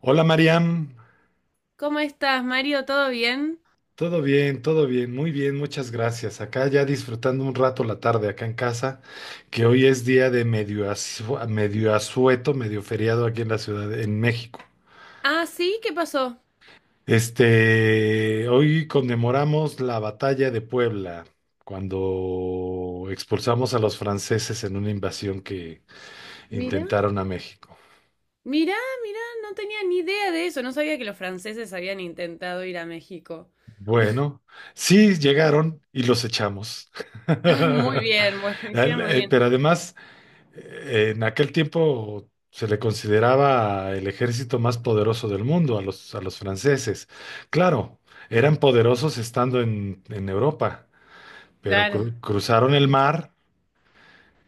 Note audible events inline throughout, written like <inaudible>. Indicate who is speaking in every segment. Speaker 1: Hola Mariam,
Speaker 2: ¿Cómo estás, Mario? ¿Todo bien?
Speaker 1: todo bien, muy bien, muchas gracias. Acá ya disfrutando un rato la tarde acá en casa, que hoy es día de medio, medio asueto, medio feriado aquí en la ciudad, en México.
Speaker 2: Ah, sí, ¿qué pasó?
Speaker 1: Hoy conmemoramos la batalla de Puebla, cuando expulsamos a los franceses en una invasión que
Speaker 2: Mira,
Speaker 1: intentaron a México.
Speaker 2: mira, mira, no tenía ni idea de eso, no sabía que los franceses habían intentado ir a México. <laughs>
Speaker 1: Bueno, sí llegaron y los echamos.
Speaker 2: Ah, muy
Speaker 1: <laughs>
Speaker 2: bien, bueno, <laughs> hicieron muy bien.
Speaker 1: Pero además... En aquel tiempo se le consideraba el ejército más poderoso del mundo a los franceses. Claro, eran poderosos estando en Europa, pero
Speaker 2: Claro,
Speaker 1: cruzaron el mar,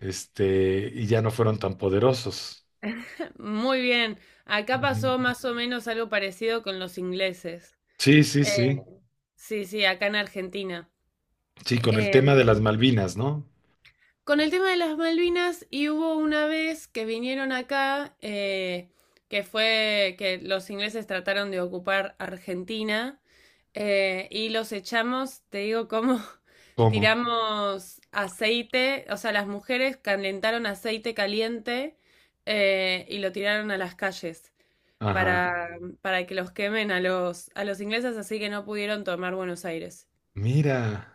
Speaker 1: y ya no fueron tan poderosos.
Speaker 2: <laughs> muy bien. Acá
Speaker 1: Ujú.
Speaker 2: pasó más o menos algo parecido con los ingleses.
Speaker 1: Sí, sí,
Speaker 2: Eh,
Speaker 1: sí.
Speaker 2: sí, sí, acá en Argentina.
Speaker 1: Sí, con el tema de las
Speaker 2: Em,
Speaker 1: Malvinas, ¿no?
Speaker 2: Con el tema de las Malvinas, y hubo una vez que vinieron acá, que fue que los ingleses trataron de ocupar Argentina, y los echamos, te digo, cómo <laughs>
Speaker 1: ¿Cómo?
Speaker 2: tiramos aceite, o sea, las mujeres calentaron aceite caliente y lo tiraron a las calles
Speaker 1: Ajá.
Speaker 2: para, para que los quemen a a los ingleses, así que no pudieron tomar Buenos Aires.
Speaker 1: Mira.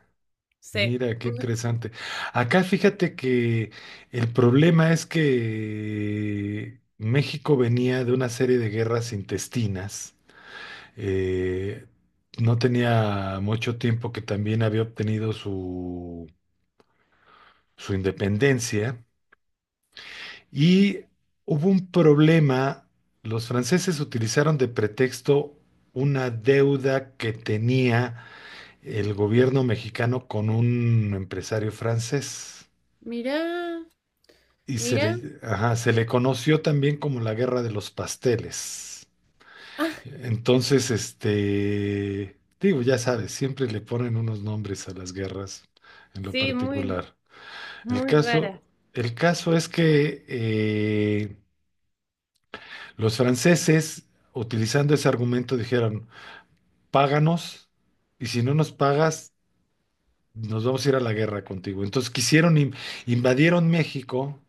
Speaker 2: Sí.
Speaker 1: Mira, qué interesante. Acá fíjate que el problema es que México venía de una serie de guerras intestinas. Eh, no tenía mucho tiempo que también había obtenido su independencia y hubo un problema. Los franceses utilizaron de pretexto una deuda que tenía el gobierno mexicano con un empresario francés.
Speaker 2: Mirá,
Speaker 1: Y
Speaker 2: mirá.
Speaker 1: se le conoció también como la Guerra de los Pasteles.
Speaker 2: Ah,
Speaker 1: Entonces, digo, ya sabes, siempre le ponen unos nombres a las guerras en lo
Speaker 2: sí, muy.
Speaker 1: particular. El
Speaker 2: Muy
Speaker 1: caso,
Speaker 2: raras.
Speaker 1: el caso es que los franceses, utilizando ese argumento, dijeron, páganos y si no nos pagas, nos vamos a ir a la guerra contigo. Entonces invadieron México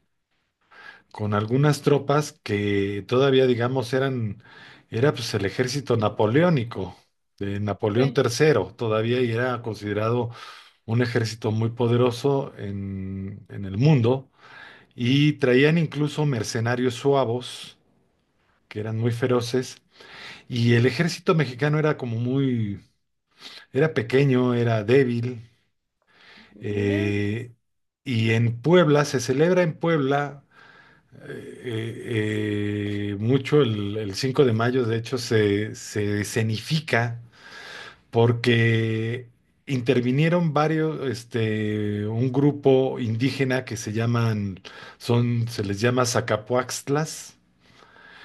Speaker 1: con algunas tropas que todavía, digamos, era pues el ejército napoleónico de Napoleón
Speaker 2: Sí.
Speaker 1: III, todavía y era considerado un ejército muy poderoso en el mundo, y traían incluso mercenarios suavos, que eran muy feroces, y el ejército mexicano era era pequeño, era débil,
Speaker 2: Mira,
Speaker 1: eh, y en Puebla, se celebra en Puebla mucho el 5 de mayo, de hecho, se escenifica porque intervinieron varios, un grupo indígena que se se les llama Zacapuaxtlas,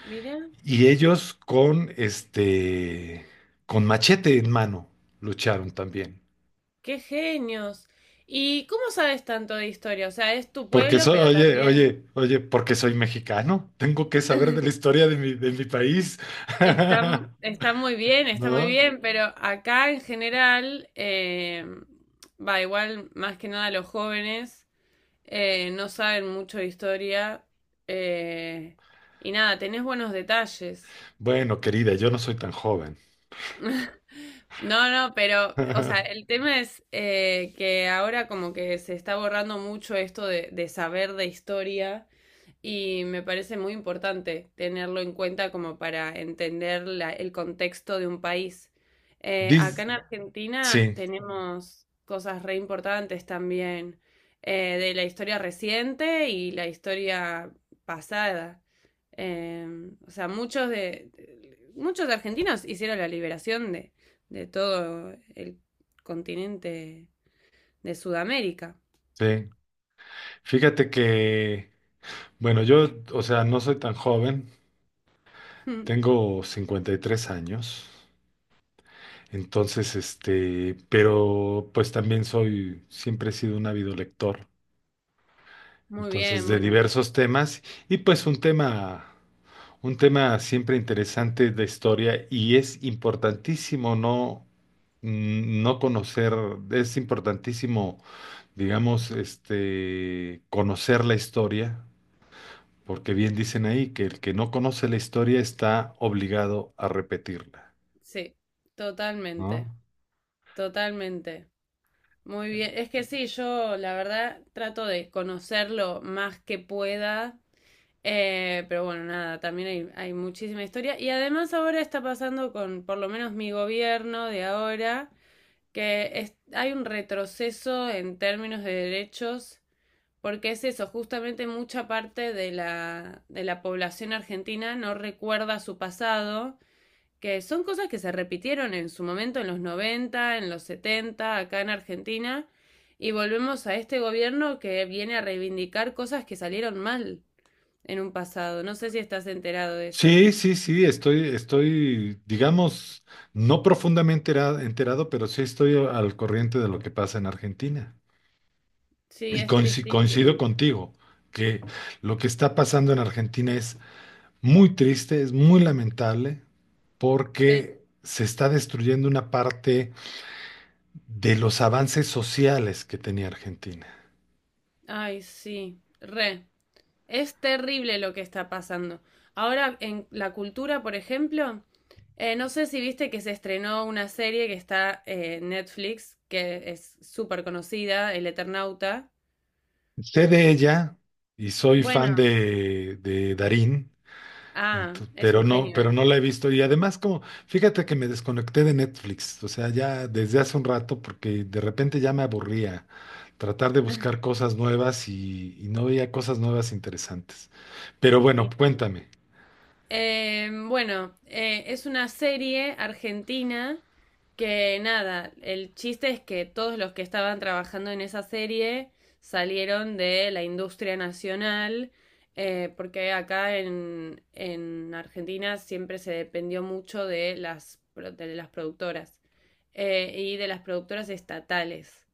Speaker 2: mira,
Speaker 1: y ellos con machete en mano lucharon también.
Speaker 2: qué genios. ¿Y cómo sabes tanto de historia? O sea, es tu pueblo, pero
Speaker 1: Oye,
Speaker 2: también
Speaker 1: oye, oye, porque soy mexicano, tengo que saber de la historia de de mi país,
Speaker 2: está,
Speaker 1: <laughs>
Speaker 2: está muy
Speaker 1: ¿no?
Speaker 2: bien, pero acá en general, va igual, más que nada los jóvenes no saben mucho de historia. eh, y nada, tenés buenos detalles.
Speaker 1: Bueno, querida, yo no soy tan joven.
Speaker 2: No, no, pero, o sea,
Speaker 1: <laughs>
Speaker 2: el tema es que ahora como que se está borrando mucho esto de saber de historia y me parece muy importante tenerlo en cuenta como para entender la- el contexto de un país. Acá
Speaker 1: Dis-
Speaker 2: en Argentina
Speaker 1: sí,
Speaker 2: tenemos cosas re importantes también de la historia reciente y la historia pasada. Eh, o sea, muchos muchos argentinos hicieron la liberación de todo el continente de Sudamérica.
Speaker 1: sí. Fíjate que, bueno, yo, o sea, no soy tan joven,
Speaker 2: <laughs>
Speaker 1: tengo 53 años, entonces, pero pues también siempre he sido un ávido lector,
Speaker 2: Muy
Speaker 1: entonces,
Speaker 2: bien,
Speaker 1: de
Speaker 2: bueno,
Speaker 1: diversos temas, y pues un tema siempre interesante de historia, y es importantísimo no, no conocer, es importantísimo digamos, conocer la historia, porque bien dicen ahí que el que no conoce la historia está obligado a repetirla,
Speaker 2: sí, totalmente.
Speaker 1: ¿no?
Speaker 2: Totalmente. Muy bien. Es que sí, yo la verdad trato de conocerlo más que pueda. Pero bueno, nada, también hay muchísima historia. Y además ahora está pasando con, por lo menos mi gobierno de ahora, hay un retroceso en términos de derechos, porque es eso, justamente mucha parte de la población argentina no recuerda su pasado, que son cosas que se repitieron en su momento en los 90, en los 70, acá en Argentina, y volvemos a este gobierno que viene a reivindicar cosas que salieron mal en un pasado. No sé si estás enterado de eso.
Speaker 1: Sí, sí, sí, estoy, digamos, no profundamente enterado, pero sí estoy al corriente de lo que pasa en Argentina.
Speaker 2: Sí,
Speaker 1: Y
Speaker 2: es
Speaker 1: coincido
Speaker 2: tristísimo.
Speaker 1: contigo, que lo que está pasando en Argentina es muy triste, es muy lamentable,
Speaker 2: Sí,
Speaker 1: porque se está destruyendo una parte de los avances sociales que tenía Argentina.
Speaker 2: ay, sí, re. Es terrible lo que está pasando. Ahora, en la cultura, por ejemplo, no sé si viste que se estrenó una serie que está en Netflix, que es súper conocida, El Eternauta.
Speaker 1: Sé de ella y soy fan
Speaker 2: Bueno,
Speaker 1: de Darín,
Speaker 2: ah, es un genio
Speaker 1: pero
Speaker 2: él.
Speaker 1: no la he visto. Y además, como, fíjate que me desconecté de Netflix, o sea, ya desde hace un rato, porque de repente ya me aburría tratar de
Speaker 2: <laughs>
Speaker 1: buscar cosas nuevas y no veía cosas nuevas interesantes. Pero bueno,
Speaker 2: Sí.
Speaker 1: cuéntame.
Speaker 2: Bueno, es una serie argentina, que nada, el chiste es que todos los que estaban trabajando en esa serie salieron de la industria nacional, porque acá en Argentina siempre se dependió mucho de las productoras y de las productoras estatales.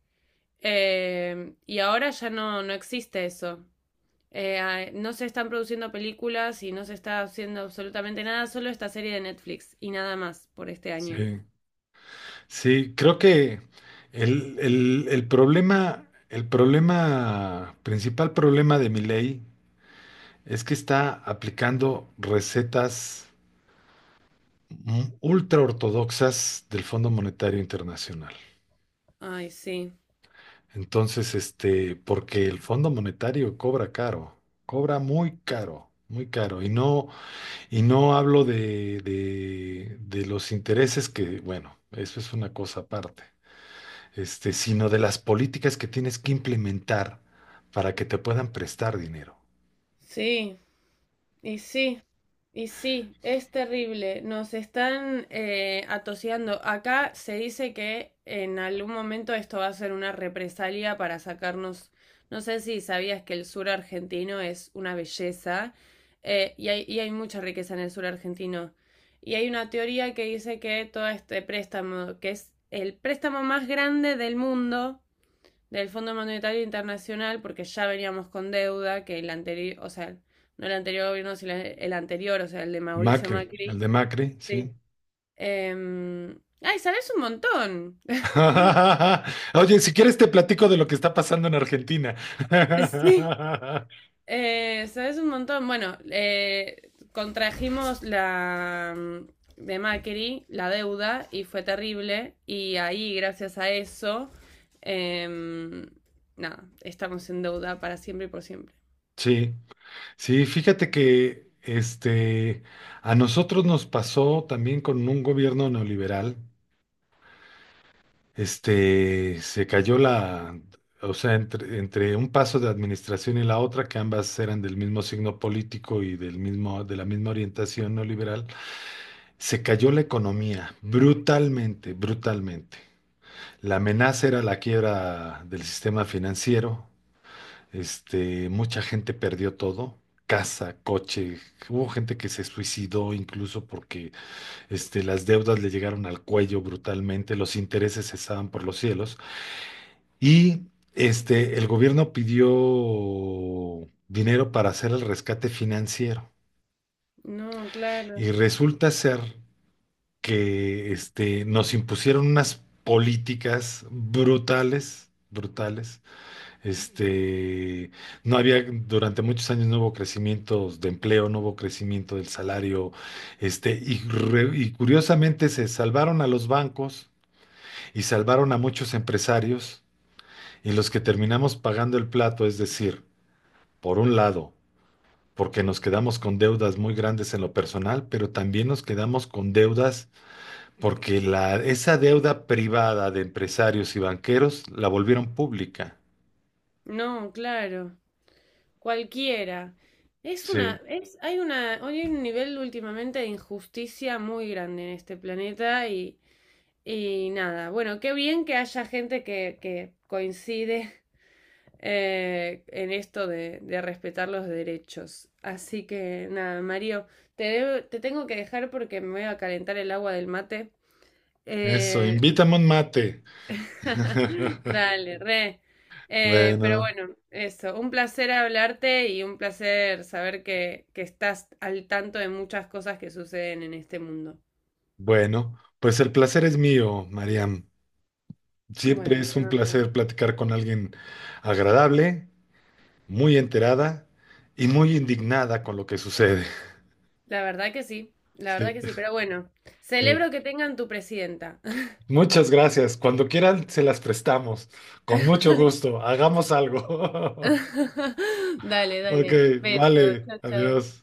Speaker 2: Y ahora ya no, no existe eso. No se están produciendo películas y no se está haciendo absolutamente nada, solo esta serie de Netflix y nada más por este
Speaker 1: Sí,
Speaker 2: año.
Speaker 1: sí, creo que el problema, principal problema de mi ley. Es que está aplicando recetas ultra ortodoxas del Fondo Monetario Internacional.
Speaker 2: Ay, sí.
Speaker 1: Entonces, porque el Fondo Monetario cobra caro, cobra muy caro, muy caro. Y no hablo de los intereses que, bueno, eso es una cosa aparte, sino de las políticas que tienes que implementar para que te puedan prestar dinero.
Speaker 2: Sí, y sí. Y sí, es terrible. Nos están atoseando. Acá se dice que en algún momento esto va a ser una represalia para sacarnos. No sé si sabías que el sur argentino es una belleza y hay mucha riqueza en el sur argentino. Y hay una teoría que dice que todo este préstamo, que es el préstamo más grande del mundo, del Fondo Monetario Internacional, porque ya veníamos con deuda que el anterior, o sea, no el anterior gobierno, sino el anterior, o sea, el de Mauricio
Speaker 1: Macri, el
Speaker 2: Macri.
Speaker 1: de Macri, sí.
Speaker 2: Sí. Ay, sabes un montón. <laughs>
Speaker 1: <laughs> Oye, si quieres te platico de lo que está pasando en Argentina.
Speaker 2: Sí.
Speaker 1: <laughs>
Speaker 2: Sabes un montón. Bueno, contrajimos la de Macri, la deuda, y fue terrible. Y ahí, gracias a eso, em, nada, estamos en deuda para siempre y por siempre.
Speaker 1: Sí, sí, fíjate que a nosotros nos pasó también con un gobierno neoliberal. Se cayó la, o sea, entre un paso de administración y la otra, que ambas eran del mismo signo político y de la misma orientación neoliberal, se cayó la economía brutalmente, brutalmente. La amenaza era la quiebra del sistema financiero. Mucha gente perdió todo, casa, coche. Hubo gente que se suicidó incluso porque las deudas le llegaron al cuello brutalmente, los intereses estaban por los cielos. Y el gobierno pidió dinero para hacer el rescate financiero.
Speaker 2: No, claro.
Speaker 1: Y resulta ser que nos impusieron unas políticas brutales, brutales. Este, no había, durante muchos años no hubo crecimiento de empleo, no hubo crecimiento del salario, y curiosamente se salvaron a los bancos y salvaron a muchos empresarios y los que terminamos pagando el plato, es decir, por un lado, porque nos quedamos con deudas muy grandes en lo personal, pero también nos quedamos con deudas porque esa deuda privada de empresarios y banqueros la volvieron pública.
Speaker 2: No, claro. Cualquiera. Es
Speaker 1: Sí,
Speaker 2: una, es, hay una, hoy hay un nivel últimamente de injusticia muy grande en este planeta, y nada, bueno, qué bien que haya gente que coincide en esto de respetar los derechos. Así que nada, Mario, te tengo que dejar porque me voy a calentar el agua del mate.
Speaker 1: eso,
Speaker 2: Eh,
Speaker 1: invítame un mate.
Speaker 2: <laughs>
Speaker 1: <laughs>
Speaker 2: Dale, re. Pero
Speaker 1: Bueno,
Speaker 2: bueno, eso, un placer hablarte y un placer saber que estás al tanto de muchas cosas que suceden en este mundo.
Speaker 1: bueno, pues el placer es mío, Mariam. Siempre
Speaker 2: Bueno,
Speaker 1: es
Speaker 2: te
Speaker 1: un
Speaker 2: mando.
Speaker 1: placer platicar con alguien agradable, muy enterada y muy indignada con lo que sucede.
Speaker 2: La verdad que sí, la
Speaker 1: <laughs>
Speaker 2: verdad
Speaker 1: Sí,
Speaker 2: que sí, pero bueno,
Speaker 1: sí.
Speaker 2: celebro que tengan tu presidenta.
Speaker 1: Muchas gracias. Cuando quieran, se las prestamos. Con mucho
Speaker 2: <laughs>
Speaker 1: gusto. Hagamos algo. <laughs>
Speaker 2: Dale,
Speaker 1: Ok,
Speaker 2: dale. Beso,
Speaker 1: vale.
Speaker 2: chao,
Speaker 1: Adiós.
Speaker 2: chao.